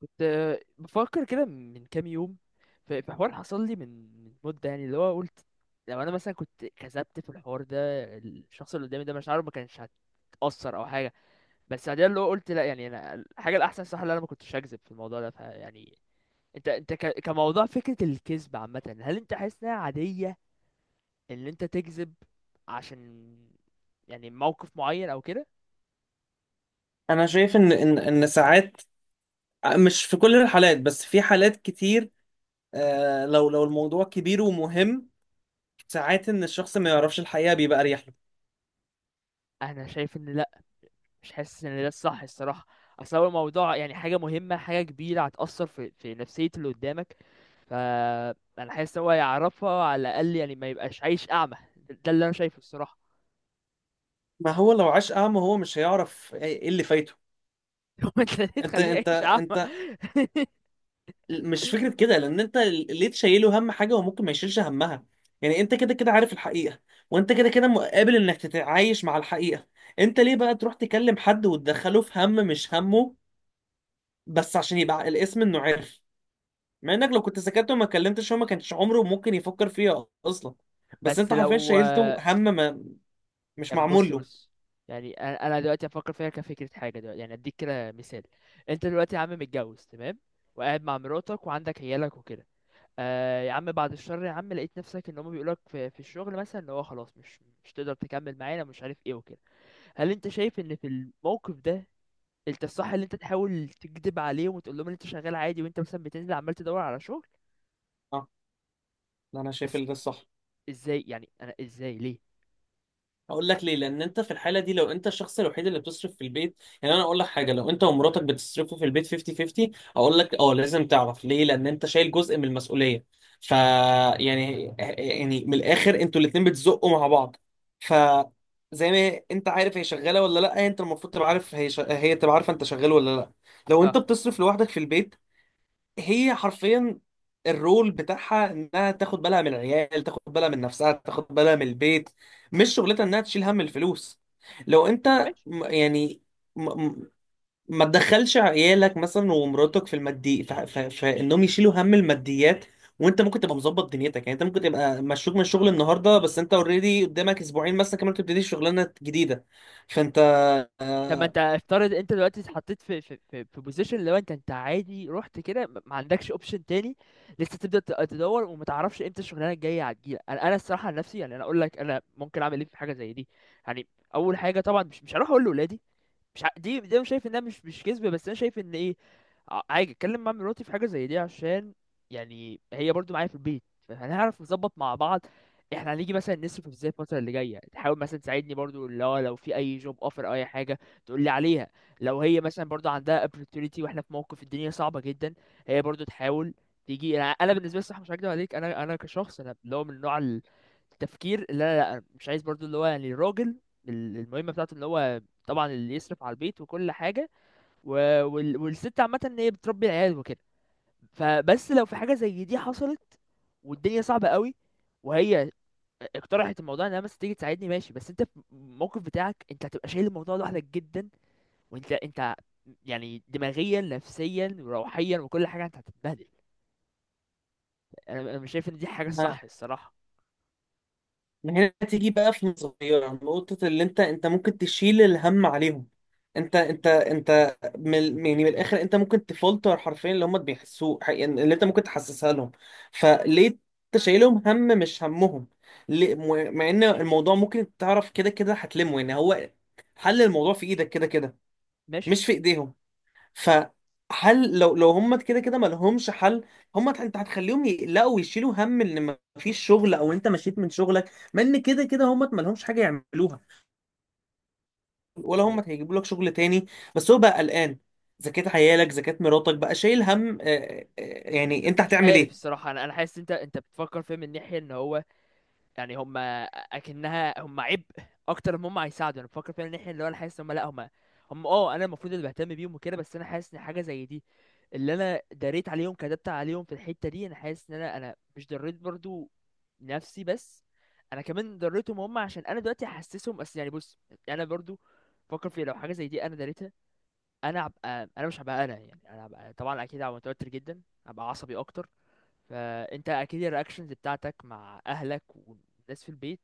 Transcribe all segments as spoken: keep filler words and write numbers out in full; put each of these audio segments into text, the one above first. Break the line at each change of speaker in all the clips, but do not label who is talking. كنت آه، بفكر كده من كام يوم، ف- في حوار حصل لي من من مدة. يعني اللي هو قلت لو انا مثلا كنت كذبت في الحوار ده، الشخص اللي قدامي ده مش عارف، ما كانش هتأثر او حاجة. بس بعدين اللي هو قلت لا، يعني انا الحاجة الاحسن صح اللي انا ما كنتش هكذب في الموضوع ده، فيعني انت انت ك- كموضوع فكرة الكذب عامة، هل انت حاسس انها عادية ان انت تكذب عشان يعني موقف معين او كده؟
انا شايف ان ان ان ساعات، آه، مش في كل الحالات، بس في حالات كتير. آه لو لو الموضوع كبير ومهم، ساعات ان الشخص ما يعرفش الحقيقة بيبقى اريح له.
انا شايف ان لا، مش حاسس ان ده الصح الصراحه. اصل هو الموضوع يعني حاجه مهمه، حاجه كبيره، هتاثر في في نفسيه اللي قدامك. فانا حاسس هو يعرفها على الاقل، يعني ما يبقاش عايش اعمى. ده اللي انا شايفه الصراحه.
ما هو لو عاش اعمى هو مش هيعرف ايه إيه اللي فايته.
هو انت ليه
انت
تخليه
انت
عايش اعمى؟
انت مش فكرة كده، لان انت ليه تشيله هم حاجة وممكن ما يشيلش همها؟ يعني انت كده كده عارف الحقيقة، وانت كده كده مقابل انك تتعايش مع الحقيقة. انت ليه بقى تروح تكلم حد وتدخله في هم مش همه؟ بس عشان يبقى الاسم انه عرف، مع انك لو كنت سكت وما كلمتش هو ما كانش عمره ممكن يفكر فيها اصلا. بس
بس
انت حرفيا
لو.
شايلته هم ما مش
طب
معمول
بص
له.
بص، يعني انا أنا دلوقتي افكر فيها كفكره، حاجه دلوقتي يعني اديك كده مثال. انت دلوقتي يا عم متجوز، تمام، وقاعد مع مراتك وعندك عيالك وكده. آه يا عم، بعد الشر يا عم، لقيت نفسك ان هم بيقولك في، في الشغل مثلا ان هو خلاص مش مش تقدر تكمل معانا، مش عارف ايه وكده. هل انت شايف ان في الموقف ده انت الصح ان انت تحاول تكذب عليهم وتقول لهم ان انت شغال عادي وانت مثلا بتنزل عمال تدور على شغل؟
اه، لا، انا شايف
بس
ان ده الصح.
ازاي يعني؟ انا ازاي؟ ليه؟
هقول لك ليه. لان انت في الحاله دي لو انت الشخص الوحيد اللي بتصرف في البيت، يعني انا اقول لك حاجه، لو انت ومراتك بتصرفوا في البيت خمسين خمسين، اقول لك اه لازم تعرف، ليه؟ لان انت شايل جزء من المسؤوليه. ف
اه
يعني يعني من الاخر انتوا الاتنين بتزقوا مع بعض. ف زي ما انت عارف هي شغاله ولا لا، انت المفروض تبقى عارف، هي ش... هي تبقى عارفه انت شغال ولا لا. لو
اه،
انت بتصرف لوحدك في البيت، هي حرفيا الرول بتاعها انها تاخد بالها من العيال، تاخد بالها من نفسها، تاخد بالها من البيت. مش شغلتها انها تشيل هم الفلوس. لو انت
ماشي.
م- يعني م- م- ما تدخلش عيالك مثلا ومراتك في المادي ف- ف- فانهم يشيلوا هم الماديات. وانت ممكن تبقى مظبط دنيتك. يعني انت ممكن تبقى مشروك من الشغل النهارده، بس انت اوريدي قدامك اسبوعين مثلا كمان تبتدي شغلانه جديده. فانت،
طب ما انت افترض انت دلوقتي اتحطيت في في في, في بوزيشن. لو انت انت عادي رحت كده، ما ما عندكش اوبشن تاني، لسه تبدا ت- تدور وما تعرفش امتى الشغلانه الجايه هتجيلك. انا انا الصراحه عن نفسي، يعني انا اقول لك انا ممكن اعمل ايه في حاجه زي دي. يعني اول حاجه طبعا مش مش هروح اقول لاولادي. مش ع... دي ده مش شايف انها مش مش كذبه، بس انا شايف ان ايه، ع- عادي اتكلم مع مراتي في حاجه زي دي عشان يعني هي برضو معايا في البيت، فهنعرف نظبط مع بعض. احنا هنيجي مثلا نصرف ازاي الفتره اللي جايه، تحاول مثلا تساعدني برضو اللي هو لو في اي جوب اوفر او اي حاجه تقول لي عليها. لو هي مثلا برضو عندها opportunity واحنا في موقف الدنيا صعبه جدا، هي برضو تحاول تيجي. انا أنا بالنسبه لي صح مش هكدب عليك، انا انا كشخص انا اللي هو من نوع التفكير اللي انا لا، مش عايز برضو اللي هو يعني الراجل ال- المهمه بتاعته اللي هو طبعا اللي يصرف على البيت وكل حاجه، و... وال... والست عامه ان هي بتربي العيال وكده. فبس لو في حاجه زي دي حصلت والدنيا صعبه قوي وهي اقترحت الموضوع انها مثلا تيجي تساعدني، ماشي، بس انت في الموقف بتاعك انت هتبقى شايل الموضوع لوحدك جدا، وانت انت يعني دماغيا نفسيا وروحيا وكل حاجه انت هتتبهدل. انا انا مش شايف ان دي حاجه الصح الصراحه.
من هنا تيجي بقى في نظرية نقطة اللي انت انت ممكن تشيل الهم عليهم. انت انت انت من يعني من الاخر انت ممكن تفلتر حرفيا اللي هم بيحسوه، ح- يعني اللي انت ممكن تحسسها لهم. فليه انت شايلهم هم مش همهم؟ ليه- م- مع ان الموضوع ممكن تعرف كده كده هتلمه، يعني هو حل الموضوع في ايدك كده كده،
ماشي.
مش في ايديهم. فحل، لو لو هم كده كده ما لهمش حل. هم انت هتخليهم يقلقوا ويشيلوا هم ان ما فيش شغل او انت مشيت من شغلك، ما ان كده كده هم ما لهمش حاجه يعملوها ولا
يعني
هم هيجيبوا لك شغل تاني. بس هو بقى قلقان، زكاة عيالك، زكاة مراتك، بقى شايل هم. آه، آه، آه، يعني انت
مش
هتعمل
عارف
ايه؟
الصراحه، انا انا حاسس انت انت بتفكر فيه من ناحيه ان هو يعني هم اكنها هم عبء اكتر ما هم هيساعدوا. انا بفكر فعلا ان احنا اللي هو انا حاسس ان هم لا، هم هم اه، انا المفروض اللي بهتم بيهم وكده. بس انا حاسس ان حاجه زي دي اللي انا دريت عليهم، كدبت عليهم في الحته دي، انا حاسس ان انا، انا مش دريت برضو نفسي بس، انا كمان دريتهم هم، عشان انا دلوقتي حاسسهم. اصل يعني بص، انا برضو فكر في لو حاجه زي دي انا دريتها، انا هبقى انا، مش هبقى انا، يعني انا هبقى طبعا اكيد هبقى متوتر جدا، هبقى عصبي اكتر. فانت اكيد الرياكشنز بتاعتك مع اهلك والناس في البيت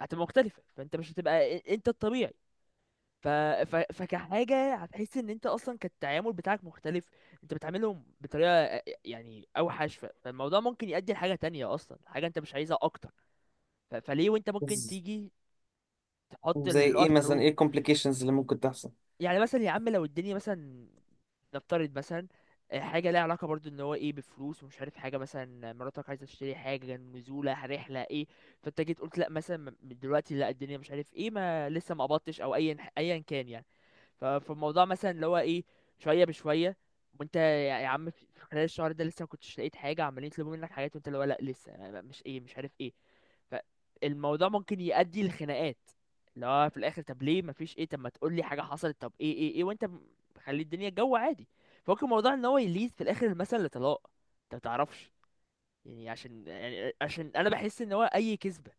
هتبقى مختلفه، فانت مش هتبقى إ- انت الطبيعي. ف... ف... فكحاجه هتحس ان انت اصلا كان التعامل بتاعك مختلف، انت بتعاملهم بطريقه يعني اوحش. ف... فالموضوع ممكن يؤدي لحاجه تانية اصلا، حاجه انت مش عايزها اكتر. ف... فليه وانت ممكن
بز-
تيجي تحط
زي
النقط
ايه مثلا؟
حروف؟
ايه الكومبليكيشنز اللي ممكن تحصل؟
يعني مثلا يا عم، لو الدنيا مثلا نفترض مثلا، آه، حاجة ليها علاقة برضو ان هو ايه بفلوس ومش عارف حاجة، مثلا مراتك عايزة تشتري حاجة، نزولة رحلة، ايه. فانت جيت قلت لا مثلا، م- دلوقتي لا الدنيا مش عارف ايه، ما لسه ما قبضتش او ايا ايا كان يعني. ف- فالموضوع مثلا اللي هو ايه، شوية بشوية. وانت يا يا عم، في في خلال الشهر ده لسه ما كنتش لقيت حاجة، عمالين يطلبوا منك حاجات وانت اللي هو لا لسه ما- ما- مش ايه، مش عارف ايه. فالموضوع ممكن يؤدي لخناقات. لا في الاخر، طب ليه مفيش ايه؟ طب ما تقول لي حاجه حصلت؟ طب ايه؟ ايه؟ ايه؟ وانت م- مخلي الدنيا جو عادي. فممكن الموضوع ان هو يليد في الاخر المثل لطلاق. انت ما تعرفش. يعني عشان يعني عشان انا بحس ان هو اي كذبه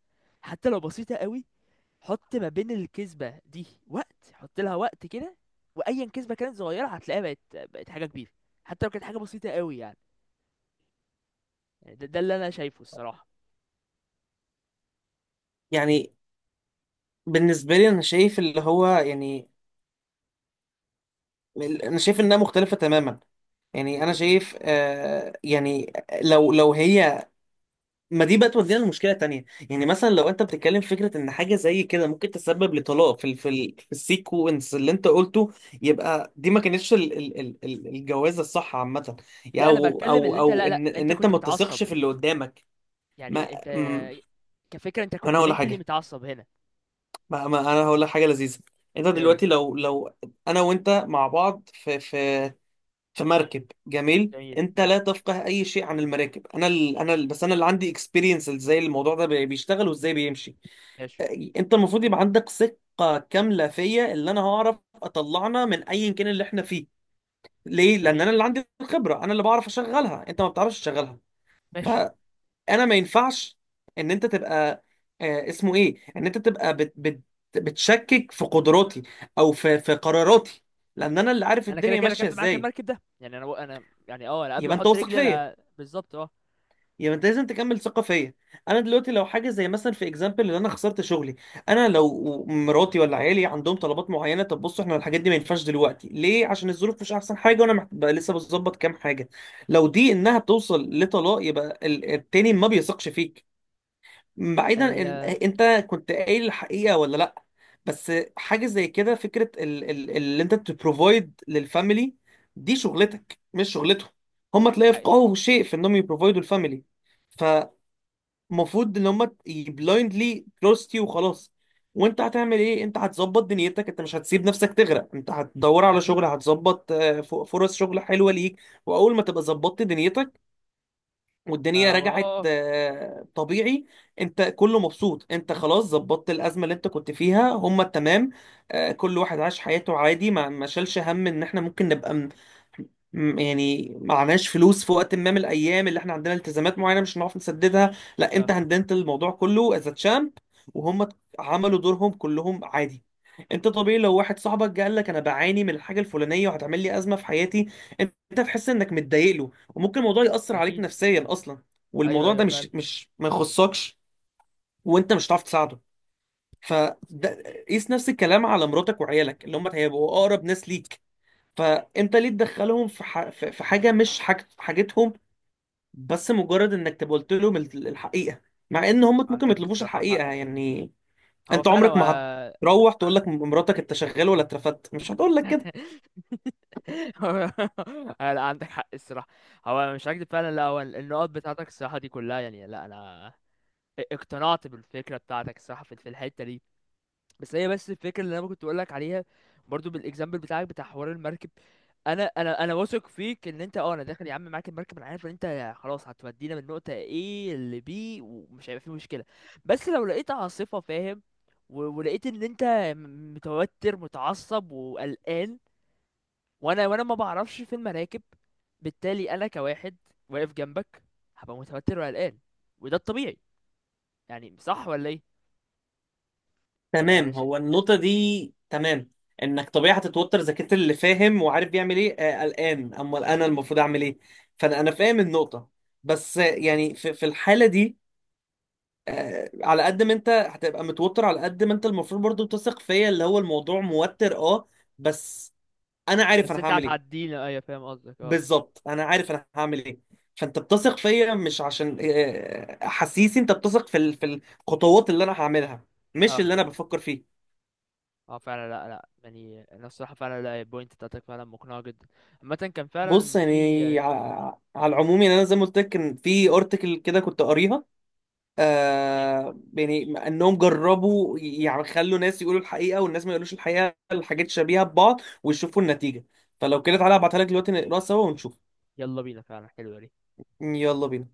حتى لو بسيطه قوي، حط ما بين الكذبه دي وقت، حط لها وقت كده، وايا كذبه كانت صغيره هتلاقيها بقت، بقت حاجه كبيره. حتى لو كانت حاجه بسيطه قوي يعني. يعني ده, ده اللي انا شايفه الصراحه.
يعني بالنسبه لي انا شايف اللي هو يعني، انا شايف انها مختلفه تماما.
قال لي
يعني انا
طب ايه؟
شايف آه يعني، لو لو هي، ما دي بقى تودينا لمشكله تانية. يعني مثلا لو انت بتتكلم في فكره ان حاجه زي كده ممكن تسبب لطلاق في ال في, ال في السيكونس اللي انت قلته، يبقى دي ما كانتش ال ال ال ال- الجوازه الصح عامه. يعني
لا انا
او
بتكلم
او
اللي انت. لا
او
لا،
ان
انت
ان انت
كنت
ما
متعصب،
تثقش في اللي قدامك. ما
يعني انت
م-
كفكرة انت
انا
كنت
هقول لك
منتلي
حاجه.
متعصب هنا.
ما, ما انا هقول لك حاجه لذيذه. انت
قول لي.
دلوقتي لو لو، انا وانت مع بعض في في في مركب جميل،
جميل،
انت لا
ماشي.
تفقه اي شيء عن المراكب، انا ال انا ال بس انا اللي عندي اكسبيرينس ازاي الموضوع ده بي- بيشتغل وازاي بيمشي.
ماشي.
انت المفروض يبقى عندك ثقة كاملة فيا اللي انا هعرف اطلعنا من ايا كان اللي احنا فيه. ليه؟ لان انا
جميل.
اللي عندي الخبرة، انا اللي بعرف اشغلها، انت ما بتعرفش تشغلها.
ماشي.
فانا ما ينفعش ان انت تبقى، آه اسمه ايه؟ ان انت تبقى بت بت بتشكك في قدراتي، او في في قراراتي، لان انا اللي عارف
انا كده
الدنيا
كده
ماشية
ركبت معاك
ازاي.
المركب ده، يعني انا انا يعني، اه، انا قبل ما
يبقى انت
احط
واثق
رجلي
فيا،
انا بالظبط، اه.
يعني انت لازم تكمل ثقه فيا. انا دلوقتي لو حاجه زي مثلا في اكزامبل ان انا خسرت شغلي، انا لو مراتي ولا عيالي عندهم طلبات معينه، طب بصوا احنا الحاجات دي ما ينفعش دلوقتي. ليه؟ عشان الظروف مش احسن حاجه وانا محت... بقى لسه بظبط كام حاجه. لو دي انها بتوصل لطلاق يبقى ال- التاني ما بيثقش فيك،
آه،
بعيدا
هي
إن- انت كنت قايل الحقيقه ولا لا. بس حاجه زي كده، فكره ال- ال- اللي انت تبروفايد للفاميلي، دي شغلتك مش شغلتهم. هم
دي
تلاقي
حقيقة.
يفقهوا شيء في انهم يبروفايدوا الفاميلي؟ فمفروض ان هم بلايندلي تراست يو وخلاص. وانت هتعمل ايه؟ انت هتظبط دنيتك، انت مش هتسيب نفسك تغرق، انت هتدور
ما
على
اكيد.
شغل، هتظبط آه، ف- فرص شغل حلوه ليك. واول ما تبقى ظبطت دنيتك
ما
والدنيا
هو،
رجعت
اه اه
آه، طبيعي، انت كله مبسوط، انت خلاص ظبطت الازمه اللي انت كنت فيها، هما تمام. آه، كل واحد عاش حياته عادي، ما ما شالش هم ان احنا ممكن نبقى م... م- يعني معناش فلوس في وقت ما من الايام اللي احنا عندنا التزامات معينه مش هنعرف نسددها. لا، انت
اه،
هندلت الموضوع كله از تشامب، وهم عملوا دورهم كلهم عادي. انت طبيعي لو واحد صاحبك جه قال لك انا بعاني من الحاجه الفلانيه وهتعمل لي ازمه في حياتي، انت تحس انك متضايق له، وممكن الموضوع يأثر عليك
اكيد.
نفسيا اصلا،
ايوه،
والموضوع
ايوه،
ده
فعلا.
مش مش ما يخصكش، وانت مش هتعرف تساعده. فده، قيس نفس الكلام على مراتك وعيالك اللي هم هيبقوا اقرب ناس ليك. فانت ليه تدخلهم في ح... في في حاجه مش حاج... حاجتهم؟ بس مجرد انك تبقى قلت لهم ال- الحقيقه، مع ان هم ممكن ما
عندك
يطلبوش
صراحة
الحقيقه.
حق في دي.
يعني
هو
انت
فعلا
عمرك
هو
ما هتروح
ما-
تقول لك مراتك انت شغال ولا اترفدت. مش هتقول لك كده.
هو- لا، عندك حق الصراحة. هو مش هكدب فعلا، لا هو النقط بتاعتك الصراحة دي كلها، يعني لا انا اقتنعت بالفكره بتاعتك الصراحه في في الحته دي. بس هي، بس الفكره اللي انا كنت اقول لك عليها برضو بالاكزامبل بتاعك بتاع حوار المركب. انا انا انا واثق فيك ان انت اه انا داخل يا عم معاك المركب، انا عارف ان انت خلاص هتودينا من نقطه A ل بي ومش هيبقى في مشكله. بس لو لقيت عاصفه، فاهم، و- ولقيت ان انت م- متوتر، متعصب، وقلقان، وانا وانا ما بعرفش في المراكب، بالتالي انا كواحد واقف جنبك هبقى متوتر وقلقان، وده الطبيعي. يعني صح ولا ايه؟
تمام،
يعني ش...
هو النقطة دي تمام، انك طبيعي هتتوتر اذا كنت اللي فاهم وعارف بيعمل ايه، آه، قلقان، امال انا المفروض اعمل ايه. فانا انا فاهم النقطة، بس آه، يعني في, في الحالة دي، آه، على قد ما انت هتبقى متوتر، على قد ما انت المفروض برضو تثق فيا. اللي هو الموضوع موتر، اه، بس انا عارف
بس
انا
انت
هعمل ايه.
هتعدينا، ايوه فاهم قصدك، اه.
بالظبط انا عارف انا هعمل ايه. فانت بتثق فيا مش عشان آه، احاسيسي، انت بتثق في ال- في الخطوات اللي انا هعملها، مش
اه
اللي انا بفكر فيه.
اه فعلا. لا لا، يعني انا الصراحه فعلا لا، البوينت بتاعتك فعلا مقنعه جدا. عامه كان
بص
فعلا في
يعني
آه،
ع- على
مم.
العموم، يعني انا زي ما قلت لك كان في ارتكل كده كنت قاريها.
ايه.
آه يعني انهم جربوا، يعني خلوا ناس يقولوا الحقيقه والناس ما يقولوش الحقيقه، الحاجات شبيهه ببعض، ويشوفوا النتيجه. فلو كده تعالى ابعتها لك دلوقتي نقراها سوا ونشوف.
يلا بينا، فعلا حلوه دي.
يلا بينا.